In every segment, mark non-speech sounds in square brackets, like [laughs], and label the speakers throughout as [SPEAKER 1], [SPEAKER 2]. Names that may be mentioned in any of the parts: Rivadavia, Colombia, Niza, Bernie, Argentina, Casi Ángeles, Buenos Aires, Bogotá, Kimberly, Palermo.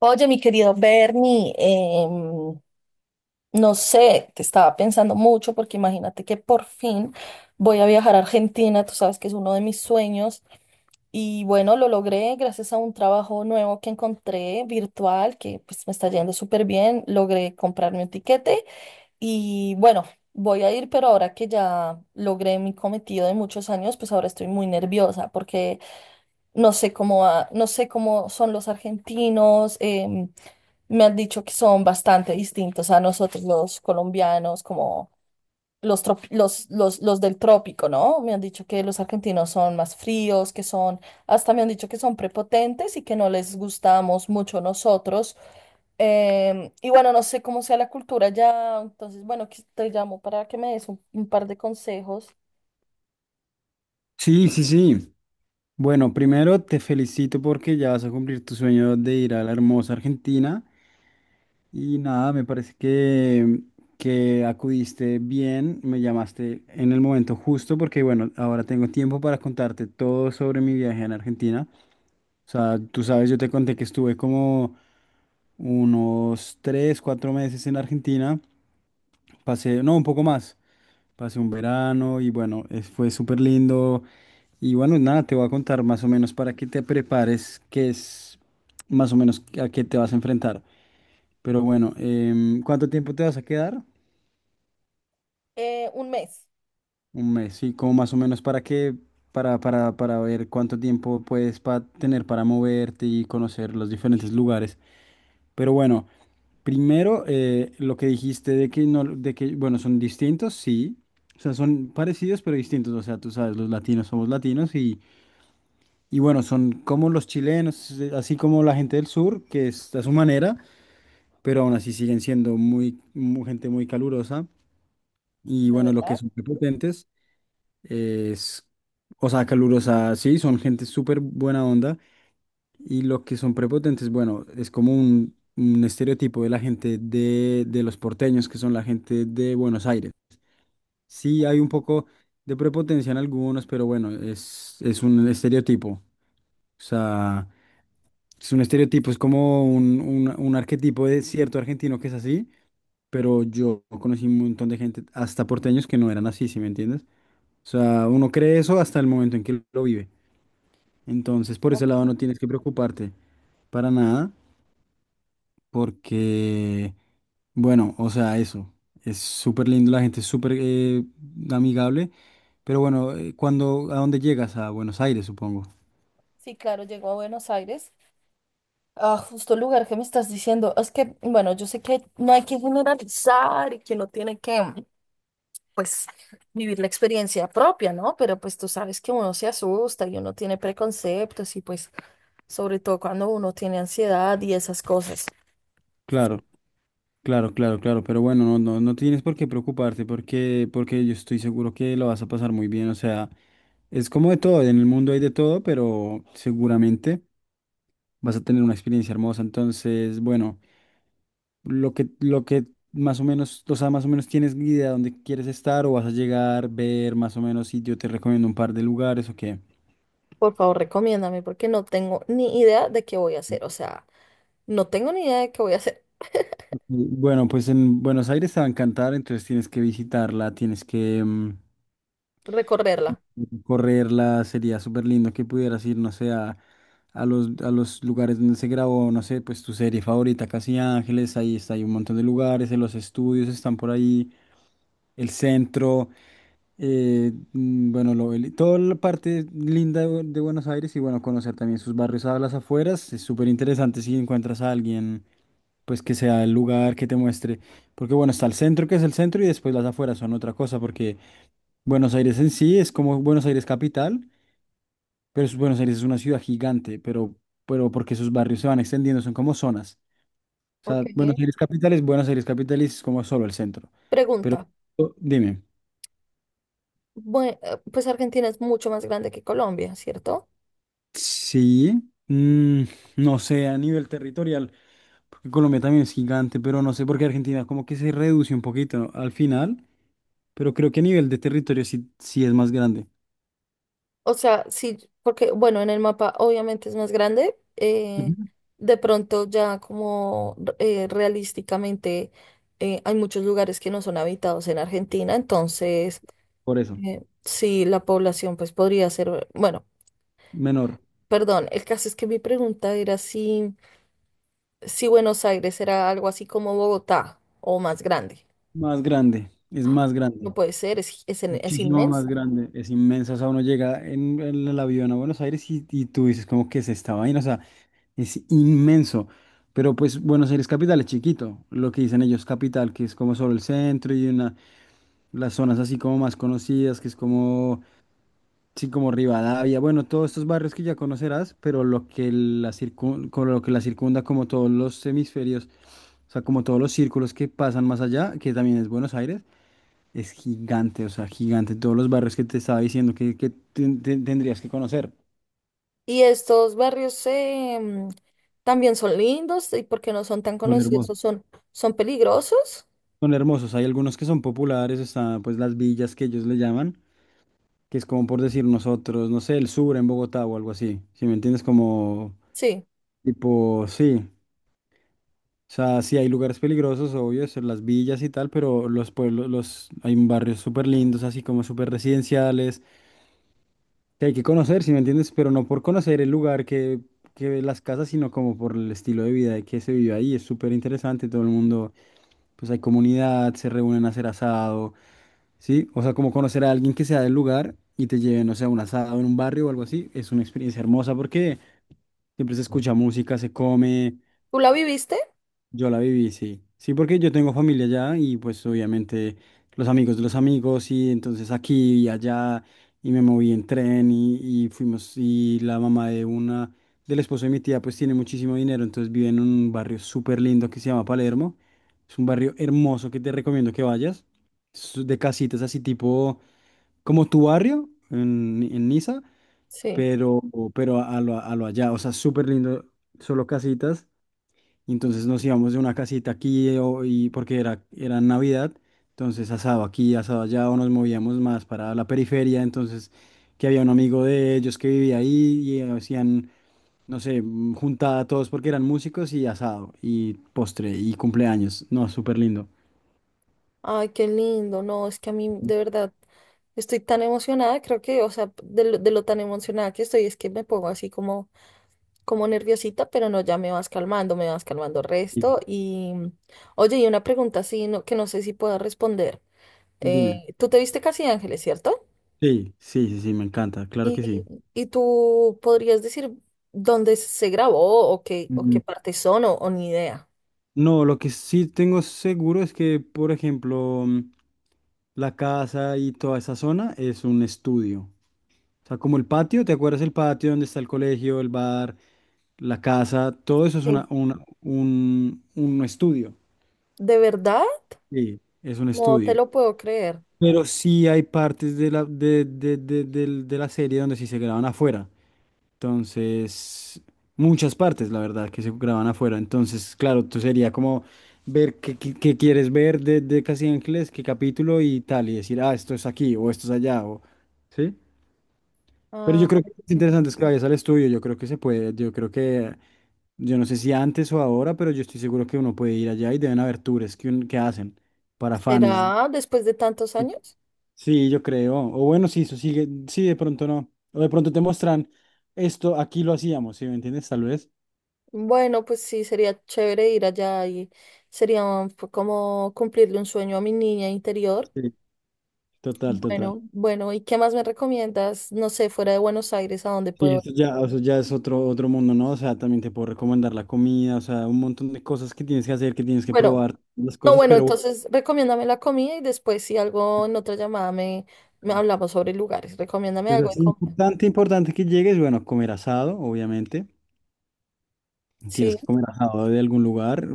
[SPEAKER 1] Oye, mi querido Bernie, no sé, te estaba pensando mucho porque imagínate que por fin voy a viajar a Argentina, tú sabes que es uno de mis sueños y bueno, lo logré gracias a un trabajo nuevo que encontré virtual, que pues me está yendo súper bien. Logré comprarme un tiquete y bueno, voy a ir, pero ahora que ya logré mi cometido de muchos años, pues ahora estoy muy nerviosa porque no sé cómo son los argentinos. Me han dicho que son bastante distintos a nosotros los colombianos, como los, trop- los del trópico, ¿no? Me han dicho que los argentinos son más fríos, que son, hasta me han dicho que son prepotentes y que no les gustamos mucho nosotros. Y bueno, no sé cómo sea la cultura ya. Entonces, bueno, te llamo para que me des un par de consejos.
[SPEAKER 2] Sí, sí, sí. Bueno, primero te felicito porque ya vas a cumplir tu sueño de ir a la hermosa Argentina. Y nada, me parece que acudiste bien, me llamaste en el momento justo porque bueno, ahora tengo tiempo para contarte todo sobre mi viaje en Argentina. O sea, tú sabes, yo te conté que estuve como unos tres, cuatro meses en Argentina. Pasé, no, un poco más. Pasé un verano y bueno, fue súper lindo. Y bueno, nada, te voy a contar más o menos para que te prepares, qué es más o menos a qué te vas a enfrentar. Pero bueno, ¿cuánto tiempo te vas a quedar?
[SPEAKER 1] Un mes,
[SPEAKER 2] Un mes, sí, como más o menos para que, para ver cuánto tiempo puedes tener para moverte y conocer los diferentes lugares. Pero bueno, primero lo que dijiste de que no, de que, bueno, son distintos, sí. O sea, son parecidos pero distintos. O sea, tú sabes, los latinos somos latinos. Y bueno, son como los chilenos, así como la gente del sur, que es a su manera, pero aún así siguen siendo gente muy calurosa. Y
[SPEAKER 1] ¿de
[SPEAKER 2] bueno, lo que
[SPEAKER 1] verdad?
[SPEAKER 2] son prepotentes es, o sea, calurosa, sí, son gente súper buena onda. Y lo que son prepotentes, bueno, es como un estereotipo de la gente de los porteños, que son la gente de Buenos Aires. Sí, hay un poco de prepotencia en algunos, pero bueno, es un estereotipo. O sea. Es un estereotipo, es como un arquetipo de cierto argentino que es así, pero yo conocí un montón de gente, hasta porteños, que no eran así, ¿sí me entiendes? O sea, uno cree eso hasta el momento en que lo vive. Entonces, por ese
[SPEAKER 1] Ok.
[SPEAKER 2] lado no tienes que preocuparte para nada, porque, bueno, o sea, eso. Es súper lindo, la gente es súper amigable, pero bueno, cuando, ¿a dónde llegas? A Buenos Aires, supongo.
[SPEAKER 1] Sí, claro, llego a Buenos Aires. Ah, justo el lugar que me estás diciendo. Es que, bueno, yo sé que no hay que generalizar y que uno tiene que, pues, vivir la experiencia propia, ¿no? Pero pues tú sabes que uno se asusta y uno tiene preconceptos y pues sobre todo cuando uno tiene ansiedad y esas cosas.
[SPEAKER 2] Claro. Claro, claro, claro, pero bueno, no tienes por qué preocuparte porque, porque yo estoy seguro que lo vas a pasar muy bien, o sea, es como de todo, en el mundo hay de todo, pero seguramente vas a tener una experiencia hermosa, entonces, bueno, lo que más o menos, o sea, más o menos tienes idea de dónde quieres estar o vas a llegar, ver más o menos, y yo te recomiendo un par de lugares o qué.
[SPEAKER 1] Por favor, recomiéndame porque no tengo ni idea de qué voy a hacer. O sea, no tengo ni idea de qué voy a hacer.
[SPEAKER 2] Bueno, pues en Buenos Aires te va a encantar, entonces tienes que visitarla, tienes que...
[SPEAKER 1] Recorrerla.
[SPEAKER 2] correrla, sería súper lindo que pudieras ir, no sé, a los lugares donde se grabó, no sé, pues tu serie favorita, Casi Ángeles, ahí está, hay un montón de lugares, en los estudios están por ahí, el centro, bueno, toda la parte linda de Buenos Aires y bueno, conocer también sus barrios a las afueras, es súper interesante si encuentras a alguien, pues que sea el lugar que te muestre, porque bueno, está el centro que es el centro y después las afueras son otra cosa, porque Buenos Aires en sí es como Buenos Aires capital. Buenos Aires es una ciudad gigante, pero porque sus barrios se van extendiendo, son como zonas. O sea,
[SPEAKER 1] Ok.
[SPEAKER 2] Buenos Aires capital es Buenos Aires capital y es como solo el centro. Pero
[SPEAKER 1] Pregunta.
[SPEAKER 2] dime,
[SPEAKER 1] Bueno, pues Argentina es mucho más grande que Colombia, ¿cierto?
[SPEAKER 2] sí, mm, no sé, a nivel territorial, porque Colombia también es gigante, pero no sé por qué Argentina como que se reduce un poquito ¿no? al final, pero creo que a nivel de territorio sí, sí es más grande.
[SPEAKER 1] O sea, sí, porque bueno, en el mapa obviamente es más grande.
[SPEAKER 2] Ujú.
[SPEAKER 1] De pronto ya como realísticamente, hay muchos lugares que no son habitados en Argentina, entonces
[SPEAKER 2] Por eso,
[SPEAKER 1] sí, la población pues podría ser, bueno,
[SPEAKER 2] menor,
[SPEAKER 1] perdón, el caso es que mi pregunta era si Buenos Aires era algo así como Bogotá o más grande.
[SPEAKER 2] más grande, es más
[SPEAKER 1] No
[SPEAKER 2] grande.
[SPEAKER 1] puede ser, es
[SPEAKER 2] Muchísimo más
[SPEAKER 1] inmenso.
[SPEAKER 2] grande, es inmensa. O sea, uno llega en el avión a Buenos Aires y tú dices, ¿cómo que es esta vaina? O sea, es inmenso. Pero pues Buenos Aires capital es chiquito, lo que dicen ellos capital, que es como solo el centro y una, las zonas así como más conocidas, que es como, sí, como Rivadavia, bueno, todos estos barrios que ya conocerás, pero lo que con lo que la circunda, como todos los hemisferios, o sea, como todos los círculos que pasan más allá, que también es Buenos Aires, es gigante, o sea, gigante. Todos los barrios que te estaba diciendo que tendrías que conocer
[SPEAKER 1] Y estos barrios también son lindos y porque no son tan
[SPEAKER 2] son
[SPEAKER 1] conocidos o
[SPEAKER 2] hermosos.
[SPEAKER 1] son, son peligrosos.
[SPEAKER 2] Son hermosos. Hay algunos que son populares, está pues las villas que ellos le llaman, que es como por decir nosotros, no sé, el sur en Bogotá o algo así. Si me entiendes, como
[SPEAKER 1] Sí.
[SPEAKER 2] tipo, sí. O sea, sí hay lugares peligrosos, obvio, son las villas y tal, pero los pueblos, los, hay barrios súper lindos, así como súper residenciales. Que hay que conocer, si me entiendes, pero no por conocer el lugar que las casas, sino como por el estilo de vida que se vive ahí. Es súper interesante, todo el mundo, pues hay comunidad, se reúnen a hacer asado, ¿sí? O sea, como conocer a alguien que sea del lugar y te lleven, no sé, a un asado en un barrio o algo así, es una experiencia hermosa porque siempre se escucha música, se come,
[SPEAKER 1] ¿Tú la viviste?
[SPEAKER 2] yo la viví, sí. Sí, porque yo tengo familia allá y pues obviamente los amigos de los amigos y entonces aquí y allá y me moví en tren y fuimos y la mamá de una, del esposo de mi tía pues tiene muchísimo dinero, entonces vive en un barrio súper lindo que se llama Palermo. Es un barrio hermoso que te recomiendo que vayas. Es de casitas así tipo como tu barrio en Niza,
[SPEAKER 1] Sí.
[SPEAKER 2] pero, pero a lo allá, o sea, súper lindo, solo casitas. Y entonces nos íbamos de una casita aquí y porque era Navidad, entonces asado aquí, asado allá, o nos movíamos más para la periferia, entonces que había un amigo de ellos que vivía ahí y hacían, no sé, juntada a todos porque eran músicos y asado y postre y cumpleaños. No, súper lindo.
[SPEAKER 1] Ay, qué lindo. No, es que a mí de verdad estoy tan emocionada. Creo que, o sea, de lo tan emocionada que estoy, es que me pongo así como, como nerviosita, pero no, ya me vas calmando
[SPEAKER 2] Y
[SPEAKER 1] resto. Y, mm, oye, y una pregunta así no, que no sé si puedo responder.
[SPEAKER 2] dime.
[SPEAKER 1] ¿Tú te viste Casi Ángeles, cierto?
[SPEAKER 2] Sí, sí, sí, sí, me encanta, claro
[SPEAKER 1] ¿Y,
[SPEAKER 2] que sí.
[SPEAKER 1] y tú podrías decir dónde se grabó o qué
[SPEAKER 2] Mm,
[SPEAKER 1] partes son o ni idea?
[SPEAKER 2] No, lo que sí tengo seguro es que, por ejemplo, la casa y toda esa zona es un estudio. O sea, como el patio, ¿te acuerdas el patio donde está el colegio, el bar, la casa? Todo eso es
[SPEAKER 1] Sí.
[SPEAKER 2] un estudio.
[SPEAKER 1] ¿De verdad?
[SPEAKER 2] Sí, es un
[SPEAKER 1] No te
[SPEAKER 2] estudio.
[SPEAKER 1] lo puedo creer.
[SPEAKER 2] Pero sí hay partes de la, de, del- de la serie donde sí se graban afuera. Entonces, muchas partes, la verdad, que se graban afuera. Entonces, claro, tú sería como ver qué quieres ver de Casi Ángeles, qué capítulo y tal, y decir, ah, esto es aquí o esto es allá, o... ¿Sí? Pero yo
[SPEAKER 1] Ah,
[SPEAKER 2] creo que es
[SPEAKER 1] ok.
[SPEAKER 2] interesante es que vayas al estudio, yo creo que se puede, yo creo que, yo no sé si antes o ahora, pero yo estoy seguro que uno puede ir allá y deben haber tours que hacen para fans.
[SPEAKER 1] ¿Será después de tantos años?
[SPEAKER 2] Sí, yo creo. O bueno, sí, eso sigue, sí, de pronto no. O de pronto te muestran esto, aquí lo hacíamos, ¿sí me entiendes? Tal vez.
[SPEAKER 1] Bueno, pues sí, sería chévere ir allá y fue como cumplirle un sueño a mi niña interior.
[SPEAKER 2] Sí, total, total.
[SPEAKER 1] Bueno, bueno, ¿y qué más me recomiendas? No sé, fuera de Buenos Aires, ¿a dónde
[SPEAKER 2] Sí,
[SPEAKER 1] puedo ir?
[SPEAKER 2] eso ya es otro, otro mundo, ¿no? O sea, también te puedo recomendar la comida, o sea, un montón de cosas que tienes que hacer, que tienes que
[SPEAKER 1] Bueno,
[SPEAKER 2] probar, las
[SPEAKER 1] no,
[SPEAKER 2] cosas,
[SPEAKER 1] bueno,
[SPEAKER 2] pero...
[SPEAKER 1] entonces recomiéndame la comida y después si algo en otra llamada me
[SPEAKER 2] bueno.
[SPEAKER 1] hablamos sobre lugares. Recomiéndame
[SPEAKER 2] Es
[SPEAKER 1] algo de
[SPEAKER 2] así
[SPEAKER 1] comer.
[SPEAKER 2] importante, importante que llegues, bueno, comer asado, obviamente. Tienes
[SPEAKER 1] Sí,
[SPEAKER 2] que comer asado de algún lugar.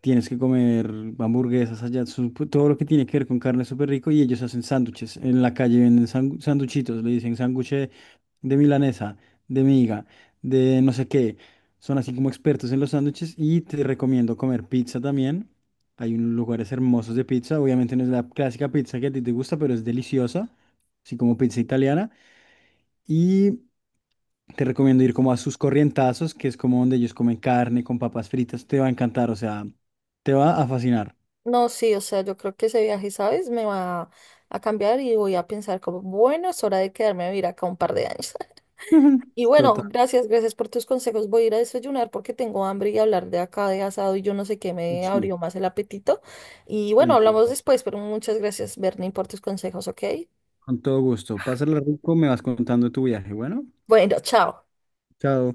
[SPEAKER 2] Tienes que comer hamburguesas allá, todo lo que tiene que ver con carne es súper rico y ellos hacen sándwiches. En la calle venden sanduchitos, le dicen sándwich de milanesa, de miga, de no sé qué. Son así como expertos en los sándwiches y te recomiendo comer pizza también. Hay unos lugares hermosos de pizza. Obviamente no es la clásica pizza que a ti te gusta, pero es deliciosa así como pizza italiana. Y te recomiendo ir como a sus corrientazos, que es como donde ellos comen carne con papas fritas. Te va a encantar, o sea, te va a fascinar.
[SPEAKER 1] no, sí, o sea, yo creo que ese viaje, ¿sabes? Me va a cambiar y voy a pensar como, bueno, es hora de quedarme a vivir acá un par de años. [laughs]
[SPEAKER 2] [laughs]
[SPEAKER 1] Y bueno,
[SPEAKER 2] Total.
[SPEAKER 1] gracias, gracias por tus consejos. Voy a ir a desayunar porque tengo hambre y hablar de acá de asado y yo no sé qué me
[SPEAKER 2] Sí,
[SPEAKER 1] abrió más el apetito. Y bueno,
[SPEAKER 2] sí,
[SPEAKER 1] hablamos después, pero muchas gracias, Bernie, por tus consejos, ¿ok?
[SPEAKER 2] con todo gusto. Pásala rico, me vas contando tu viaje. Bueno,
[SPEAKER 1] Bueno, chao.
[SPEAKER 2] chao.